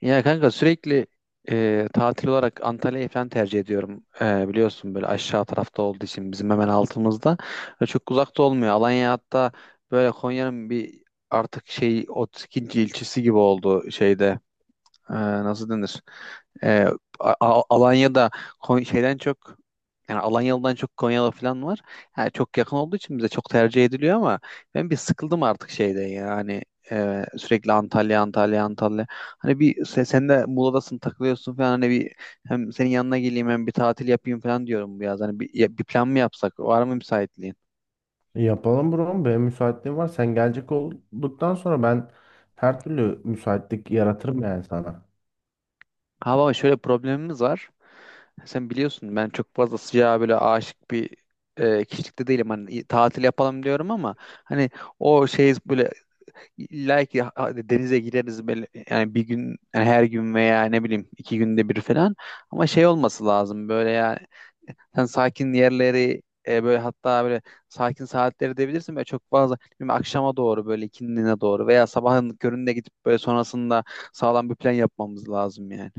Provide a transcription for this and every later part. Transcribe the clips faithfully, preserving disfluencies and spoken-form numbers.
Ya kanka sürekli e, tatil olarak Antalya'yı falan tercih ediyorum. E, biliyorsun böyle aşağı tarafta olduğu için bizim hemen altımızda. E, çok uzakta olmuyor. Alanya hatta böyle Konya'nın bir artık şey otuz ikinci ilçesi gibi oldu şeyde e, nasıl denir? E, A- A- Alanya'da Kon- şeyden çok yani Alanyalı'dan çok Konyalı falan var. Yani çok yakın olduğu için bize çok tercih ediliyor ama ben bir sıkıldım artık şeyde yani e, sürekli Antalya Antalya Antalya. Hani bir se- sen de Muğla'dasın takılıyorsun falan hani bir hem senin yanına geleyim hem bir tatil yapayım falan diyorum bu yaz. Hani bir, ya- bir plan mı yapsak? Var mı müsaitliğin? Yapalım bro. Benim müsaitliğim var. Sen gelecek olduktan sonra ben her türlü müsaitlik yaratırım yani sana. Ha baba şöyle problemimiz var. Sen biliyorsun ben çok fazla sıcağa böyle aşık bir e, kişilikte değilim. Hani i- tatil yapalım diyorum ama hani o şey böyle illa ki ha- hadi denize gireriz böyle yani bir gün yani her gün veya ne bileyim iki günde bir falan ama şey olması lazım böyle yani sen sakin yerleri e, böyle hatta böyle sakin saatleri de bilirsin böyle çok fazla bilmiyorum, akşama doğru böyle ikindine doğru veya sabahın köründe gidip böyle sonrasında sağlam bir plan yapmamız lazım yani.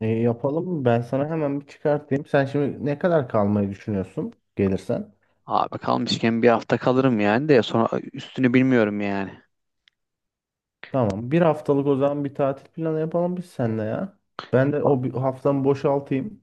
E, yapalım. Ben sana hemen bir çıkartayım. Sen şimdi ne kadar kalmayı düşünüyorsun gelirsen? Abi kalmışken bir hafta kalırım yani de sonra üstünü bilmiyorum yani. Tamam. Bir haftalık o zaman bir tatil planı yapalım biz seninle ya. Ben de Yapalım. o bir haftamı boşaltayım.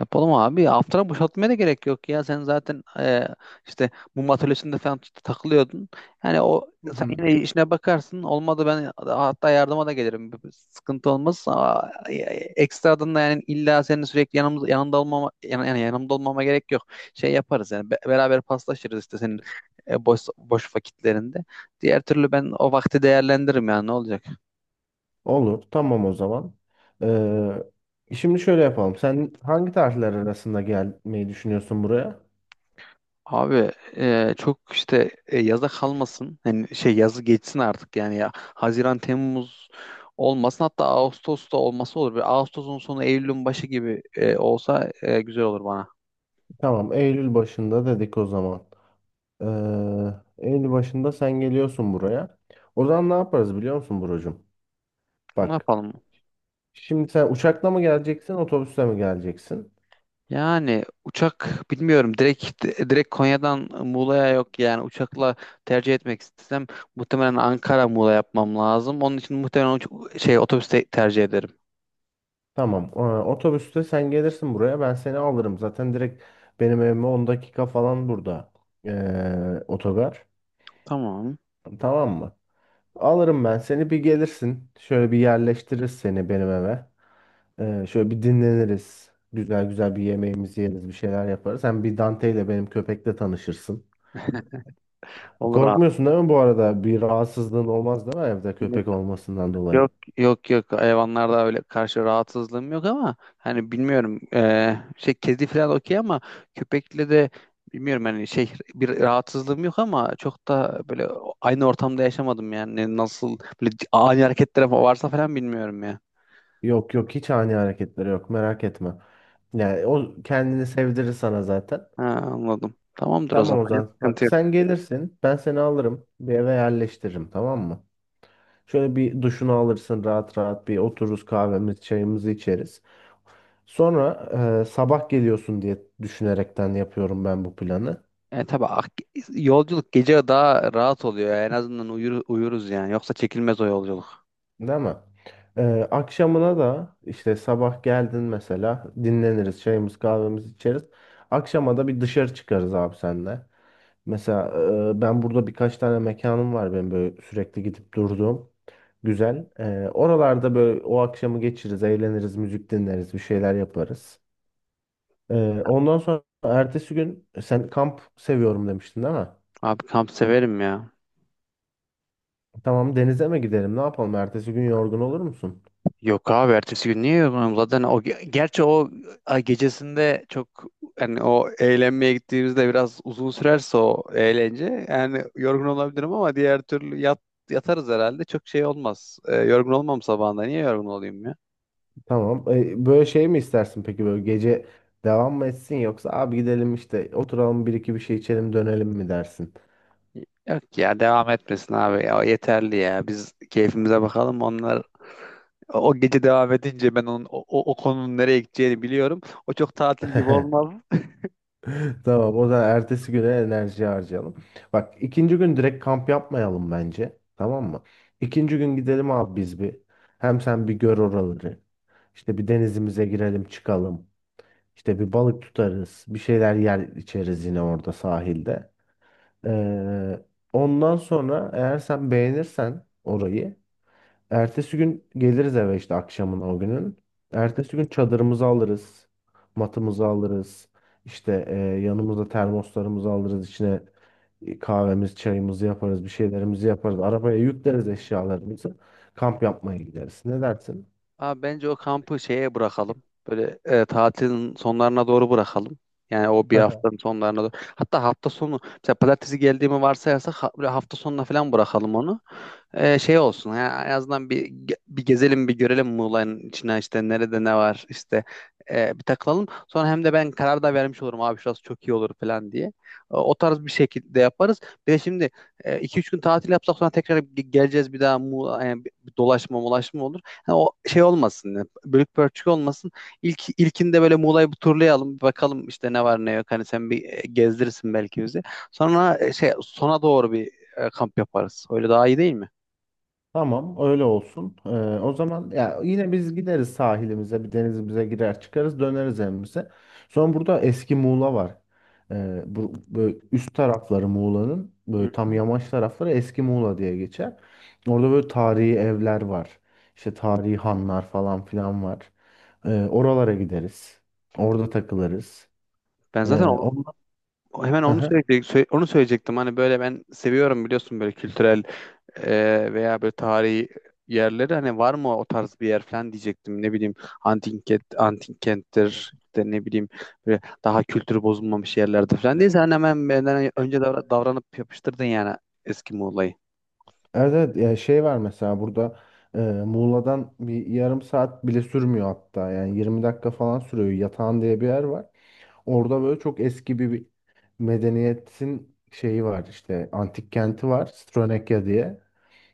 Yapalım abi. Haftana boşaltmaya da gerek yok ya. Sen zaten e, işte mum atölyesinde falan takılıyordun. Yani o Hı sen hı. yine işine bakarsın. Olmadı ben hatta yardıma da gelirim. Bir- bir Sıkıntı olmaz. Aa, e, Ekstradan da yani illa senin sürekli yanımız yanında olmama yan- yani yanımda olmama gerek yok. Şey yaparız yani be- beraber paslaşırız işte senin e, boş boş vakitlerinde. Diğer türlü ben o vakti değerlendiririm yani ne olacak? Olur. Tamam o zaman. Ee, şimdi şöyle yapalım. Sen hangi tarihler arasında gelmeyi düşünüyorsun buraya? Abi e, çok işte e, yaza kalmasın. Yani şey yazı geçsin artık yani ya. Haziran, Temmuz olmasın hatta Ağustos'ta olması olur. Bir Ağustos'un sonu Eylül'ün başı gibi e, olsa e, güzel olur bana. Tamam. Eylül başında dedik o zaman. Eee en başında sen geliyorsun buraya. O zaman ne yaparız biliyor musun Buracığım? Ne Bak yapalım? şimdi sen uçakla mı geleceksin otobüsle mi geleceksin? Yani uçak bilmiyorum direkt direkt Konya'dan Muğla'ya yok yani uçakla tercih etmek istesem muhtemelen Ankara Muğla yapmam lazım. Onun için muhtemelen uç- şey otobüste tercih ederim. Tamam. e, Otobüste sen gelirsin buraya. Ben seni alırım. Zaten direkt benim evime on dakika falan burada. E, otogar. Tamam. Tamam mı? Alırım ben seni. Bir gelirsin. Şöyle bir yerleştiririz seni benim eve. E, şöyle bir dinleniriz. Güzel güzel bir yemeğimizi yeriz. Bir şeyler yaparız. Hem bir Dante ile benim köpekle tanışırsın. Olur abi. Korkmuyorsun değil mi bu arada? Bir rahatsızlığın olmaz değil mi evde köpek olmasından dolayı? Yok, yok, yok, hayvanlarda öyle karşı rahatsızlığım yok ama hani bilmiyorum eee, şey kedi falan okey ama köpekle de bilmiyorum hani şey bir rahatsızlığım yok ama çok da böyle aynı ortamda yaşamadım yani Ne- nasıl böyle ani hareketler fa- varsa falan bilmiyorum ya. Yok yok hiç ani hareketleri yok merak etme. Yani o kendini sevdirir sana zaten. Ha, anladım. Tamamdır o Tamam zaman. Yok, Ozan. sıkıntı Bak yok. sen gelirsin ben seni alırım bir eve yerleştiririm tamam mı? Şöyle bir duşunu alırsın rahat rahat bir otururuz kahvemizi çayımızı içeriz. Sonra e, sabah geliyorsun diye düşünerekten yapıyorum ben bu planı. E, tabii ak- yolculuk gece daha rahat oluyor ya. En azından uyur, uyuruz yani. Yoksa çekilmez o yolculuk. Değil mi? Ee, akşamına da işte sabah geldin mesela dinleniriz çayımız kahvemizi içeriz. Akşama da bir dışarı çıkarız abi senle. Mesela e, ben burada birkaç tane mekanım var benim böyle sürekli gidip durduğum. Güzel. Ee, oralarda böyle o akşamı geçiririz, eğleniriz, müzik dinleriz, bir şeyler yaparız. Ee, ondan sonra ertesi gün e, sen kamp seviyorum demiştin değil mi? Abi kamp severim ya. Tamam denize mi gidelim ne yapalım? Ertesi gün yorgun olur musun? Yok abi ertesi gün niye yorgunum zaten o ge- gerçi o ay gecesinde çok yani o eğlenmeye gittiğimizde biraz uzun sürerse o eğlence yani yorgun olabilirim ama diğer türlü yat, yatarız herhalde çok şey olmaz. Ee, yorgun olmam sabahında niye yorgun olayım ya? Tamam. E, böyle şey mi istersin peki böyle gece devam mı etsin yoksa abi gidelim işte oturalım bir iki bir şey içelim dönelim mi dersin? Yok ya devam etmesin abi ya o yeterli ya biz keyfimize bakalım onlar o o gece devam edince ben onun o, o o konunun nereye gideceğini biliyorum. O çok tatil gibi olmaz. Tamam o zaman ertesi güne enerji harcayalım. Bak ikinci gün direkt kamp yapmayalım bence. Tamam mı? İkinci gün gidelim abi biz bir. Hem sen bir gör oraları. İşte bir denizimize girelim çıkalım. İşte bir balık tutarız. Bir şeyler yer içeriz yine orada sahilde. Ee, Ondan sonra eğer sen beğenirsen orayı ertesi gün geliriz eve işte akşamın o günün. Ertesi gün çadırımızı alırız. Matımızı alırız. İşte e, yanımızda termoslarımızı alırız. İçine e, kahvemiz, çayımızı yaparız. Bir şeylerimizi yaparız. Arabaya yükleriz eşyalarımızı. Kamp yapmaya gideriz. Ne dersin? Abi bence o kampı şeye bırakalım. Böyle e, tatilin sonlarına doğru bırakalım. Yani o bir haftanın sonlarına doğru. Hatta hafta sonu mesela pazartesi geldiğimi varsayarsak ha- böyle hafta sonuna falan bırakalım onu. E, şey olsun yani en azından bir ge- bir gezelim bir görelim Muğla'nın içine işte nerede ne var işte e, bir takılalım. Sonra hem de ben karar da vermiş olurum abi şurası çok iyi olur falan diye. O, o tarz bir şekilde yaparız. Bir de şimdi e, iki üç gün tatil yapsak sonra tekrar ge- geleceğiz bir daha Muğla, yani bir dolaşma molaşma olur. Ha, o şey olmasın, ya, bölük pörçük olmasın. İlk ilkinde böyle Muğla'yı bir turlayalım, bir bakalım işte ne var ne yok. Hani sen bir e, gezdirirsin belki bizi. Sonra e, şey sona doğru bir e, kamp yaparız. Öyle daha iyi değil mi? Tamam, öyle olsun. Ee, o zaman ya yine biz gideriz sahilimize, bir denizimize girer çıkarız, döneriz evimize. Sonra burada eski Muğla var. Ee, bu böyle üst tarafları Muğla'nın Hı böyle tam hı. yamaç tarafları eski Muğla diye geçer. Orada böyle tarihi evler var. İşte tarihi hanlar falan filan var. Ee, oralara gideriz. Orada takılırız. Ben Ee, zaten o- Ondan... o- hemen Hı onu hı. söyleyecektim, onu söyleyecektim. Hani böyle ben seviyorum biliyorsun böyle kültürel e, veya böyle tarihi yerleri hani var mı o tarz bir yer falan diyecektim. Ne bileyim antik kent, antik kenttir işte ne bileyim böyle daha kültürü bozulmamış yerlerde falan değil. Sen hemen benden önce davra- davranıp yapıştırdın yani eski Muğla'yı. Evet, evet ya şey var mesela burada e, Muğla'dan bir yarım saat bile sürmüyor hatta yani yirmi dakika falan sürüyor Yatağan diye bir yer var. Orada böyle çok eski bir, bir medeniyetin şeyi var işte antik kenti var Stronekya diye.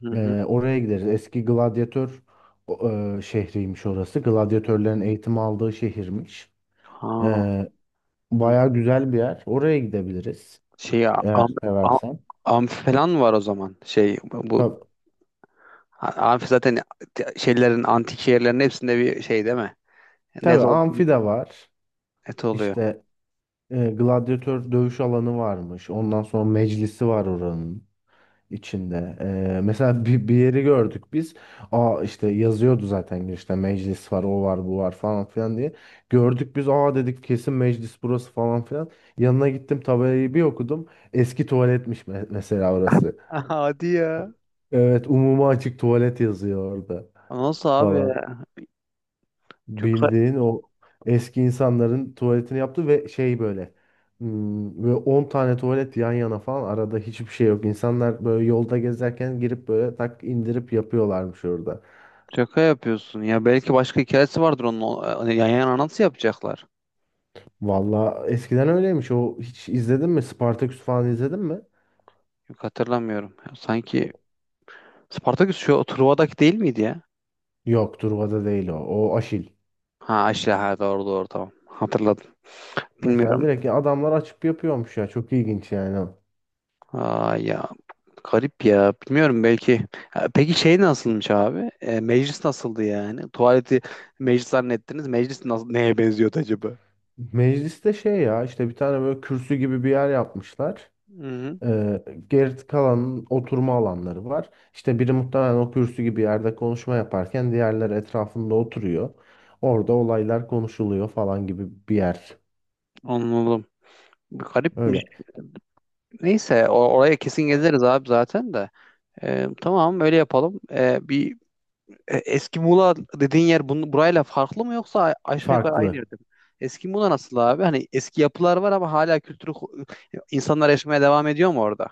Hı hı. E, oraya gideriz eski gladyatör o, e, şehriymiş orası gladyatörlerin eğitim aldığı şehirmiş. Ha, E, hı. Baya güzel bir yer oraya gidebiliriz şey am, eğer am, seversen. amfi falan var o zaman. Şey bu bu- Tabii, amfi zaten şeylerin antik şehirlerin hepsinde bir şey değil mi? Net, tabii ol, amfi de var. net oluyor. İşte E, gladyatör dövüş alanı varmış. Ondan sonra meclisi var oranın içinde. E, mesela bir, bir yeri gördük biz. Aa işte yazıyordu zaten girişte meclis var, o var, bu var falan filan diye. Gördük biz. Aa dedik kesin meclis burası falan filan. Yanına gittim tabelayı bir okudum. Eski tuvaletmiş me- mesela orası. Hadi ya. Evet, umuma açık tuvalet yazıyor orada Nasıl abi? falan. Çok Bildiğin o eski insanların tuvaletini yaptı ve şey böyle hmm, ve on tane tuvalet yan yana falan arada hiçbir şey yok. İnsanlar böyle yolda gezerken girip böyle tak indirip yapıyorlarmış orada. Şaka yapıyorsun ya. Belki başka hikayesi vardır onun. O- e, Hani yan yana nasıl yapacaklar? Valla eskiden öyleymiş. O hiç izledin mi? Spartaküs falan izledin mi? Yok hatırlamıyorum. Ya sanki Spartaküs şu Truva'daki değil miydi ya? Yok, Truva'da değil o. O Aşil. Ha işte ha doğru doğru tamam. Hatırladım. Mesela Bilmiyorum. direkt adamlar açıp yapıyormuş ya. Çok ilginç yani. Aa ya garip ya. Bilmiyorum belki. Ha, peki şey nasılmış abi? E, meclis nasıldı yani? Tuvaleti meclis zannettiniz. Meclis nasıl, neye benziyordu acaba? Mecliste şey ya işte bir tane böyle kürsü gibi bir yer yapmışlar. Hı-hı, Ee, Geri kalanın oturma alanları var. İşte biri muhtemelen o kürsü gibi yerde konuşma yaparken diğerleri etrafında oturuyor. Orada olaylar konuşuluyor falan gibi bir yer. anladım. Garipmiş. Öyle Neyse o- oraya kesin gezeriz abi zaten de. Ee, tamam öyle yapalım. Ee, bir E, Eski Muğla dediğin yer bunu, burayla farklı mı yoksa a- aşağı yukarı aynı farklı. yerde mi? Eski Muğla nasıl abi? Hani eski yapılar var ama hala kültürü insanlar yaşamaya devam ediyor mu orada?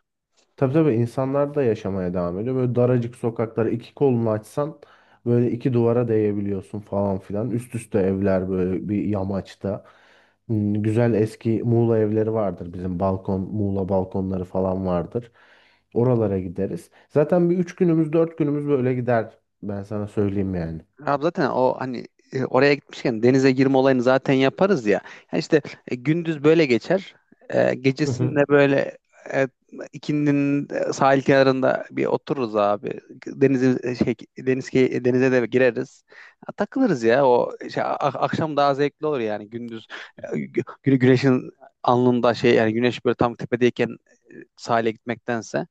Tabii tabii insanlar da yaşamaya devam ediyor. Böyle daracık sokaklara iki kolunu açsan böyle iki duvara değebiliyorsun falan filan. Üst üste evler böyle bir yamaçta. Hmm, güzel eski Muğla evleri vardır bizim balkon, Muğla balkonları falan vardır. Oralara gideriz. Zaten bir üç günümüz, dört günümüz böyle gider. Ben sana söyleyeyim yani. Abi zaten o hani e, oraya gitmişken denize girme olayını zaten yaparız ya. Yani işte e, gündüz böyle geçer. E, gecesinde böyle e, ikindinin e, sahil kenarında bir otururuz abi. Denize e, şey, deniz key- denize de gireriz. Ya, takılırız ya. O şey, a- akşam daha zevkli olur yani gündüz e, gü- gü- güneşin alnında şey yani güneş böyle tam tepedeyken e, sahile gitmektense.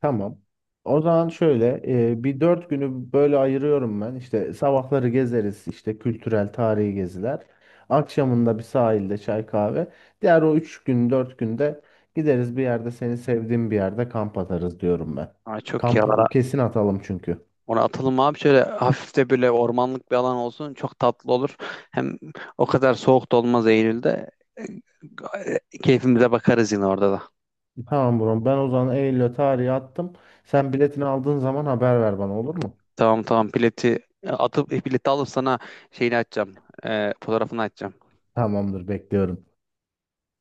Tamam. O zaman şöyle e, bir dört günü böyle ayırıyorum ben. İşte sabahları gezeriz işte kültürel tarihi geziler. Akşamında bir sahilde çay kahve. Diğer o üç gün dört günde gideriz bir yerde seni sevdiğim bir yerde kamp atarız diyorum ben. Ama çok iyi olur. Kamp kesin atalım çünkü. Ona atalım abi şöyle hafif de böyle ormanlık bir alan olsun çok tatlı olur. Hem o kadar soğuk da olmaz Eylül'de. E, Keyfimize bakarız yine orada da. Tamam bro ben o zaman Eylül'e tarihi attım. Sen biletini aldığın zaman haber ver bana olur mu? Tamam, tamam, bileti atıp bileti alıp sana şeyini açacağım. E, fotoğrafını açacağım. Tamamdır bekliyorum.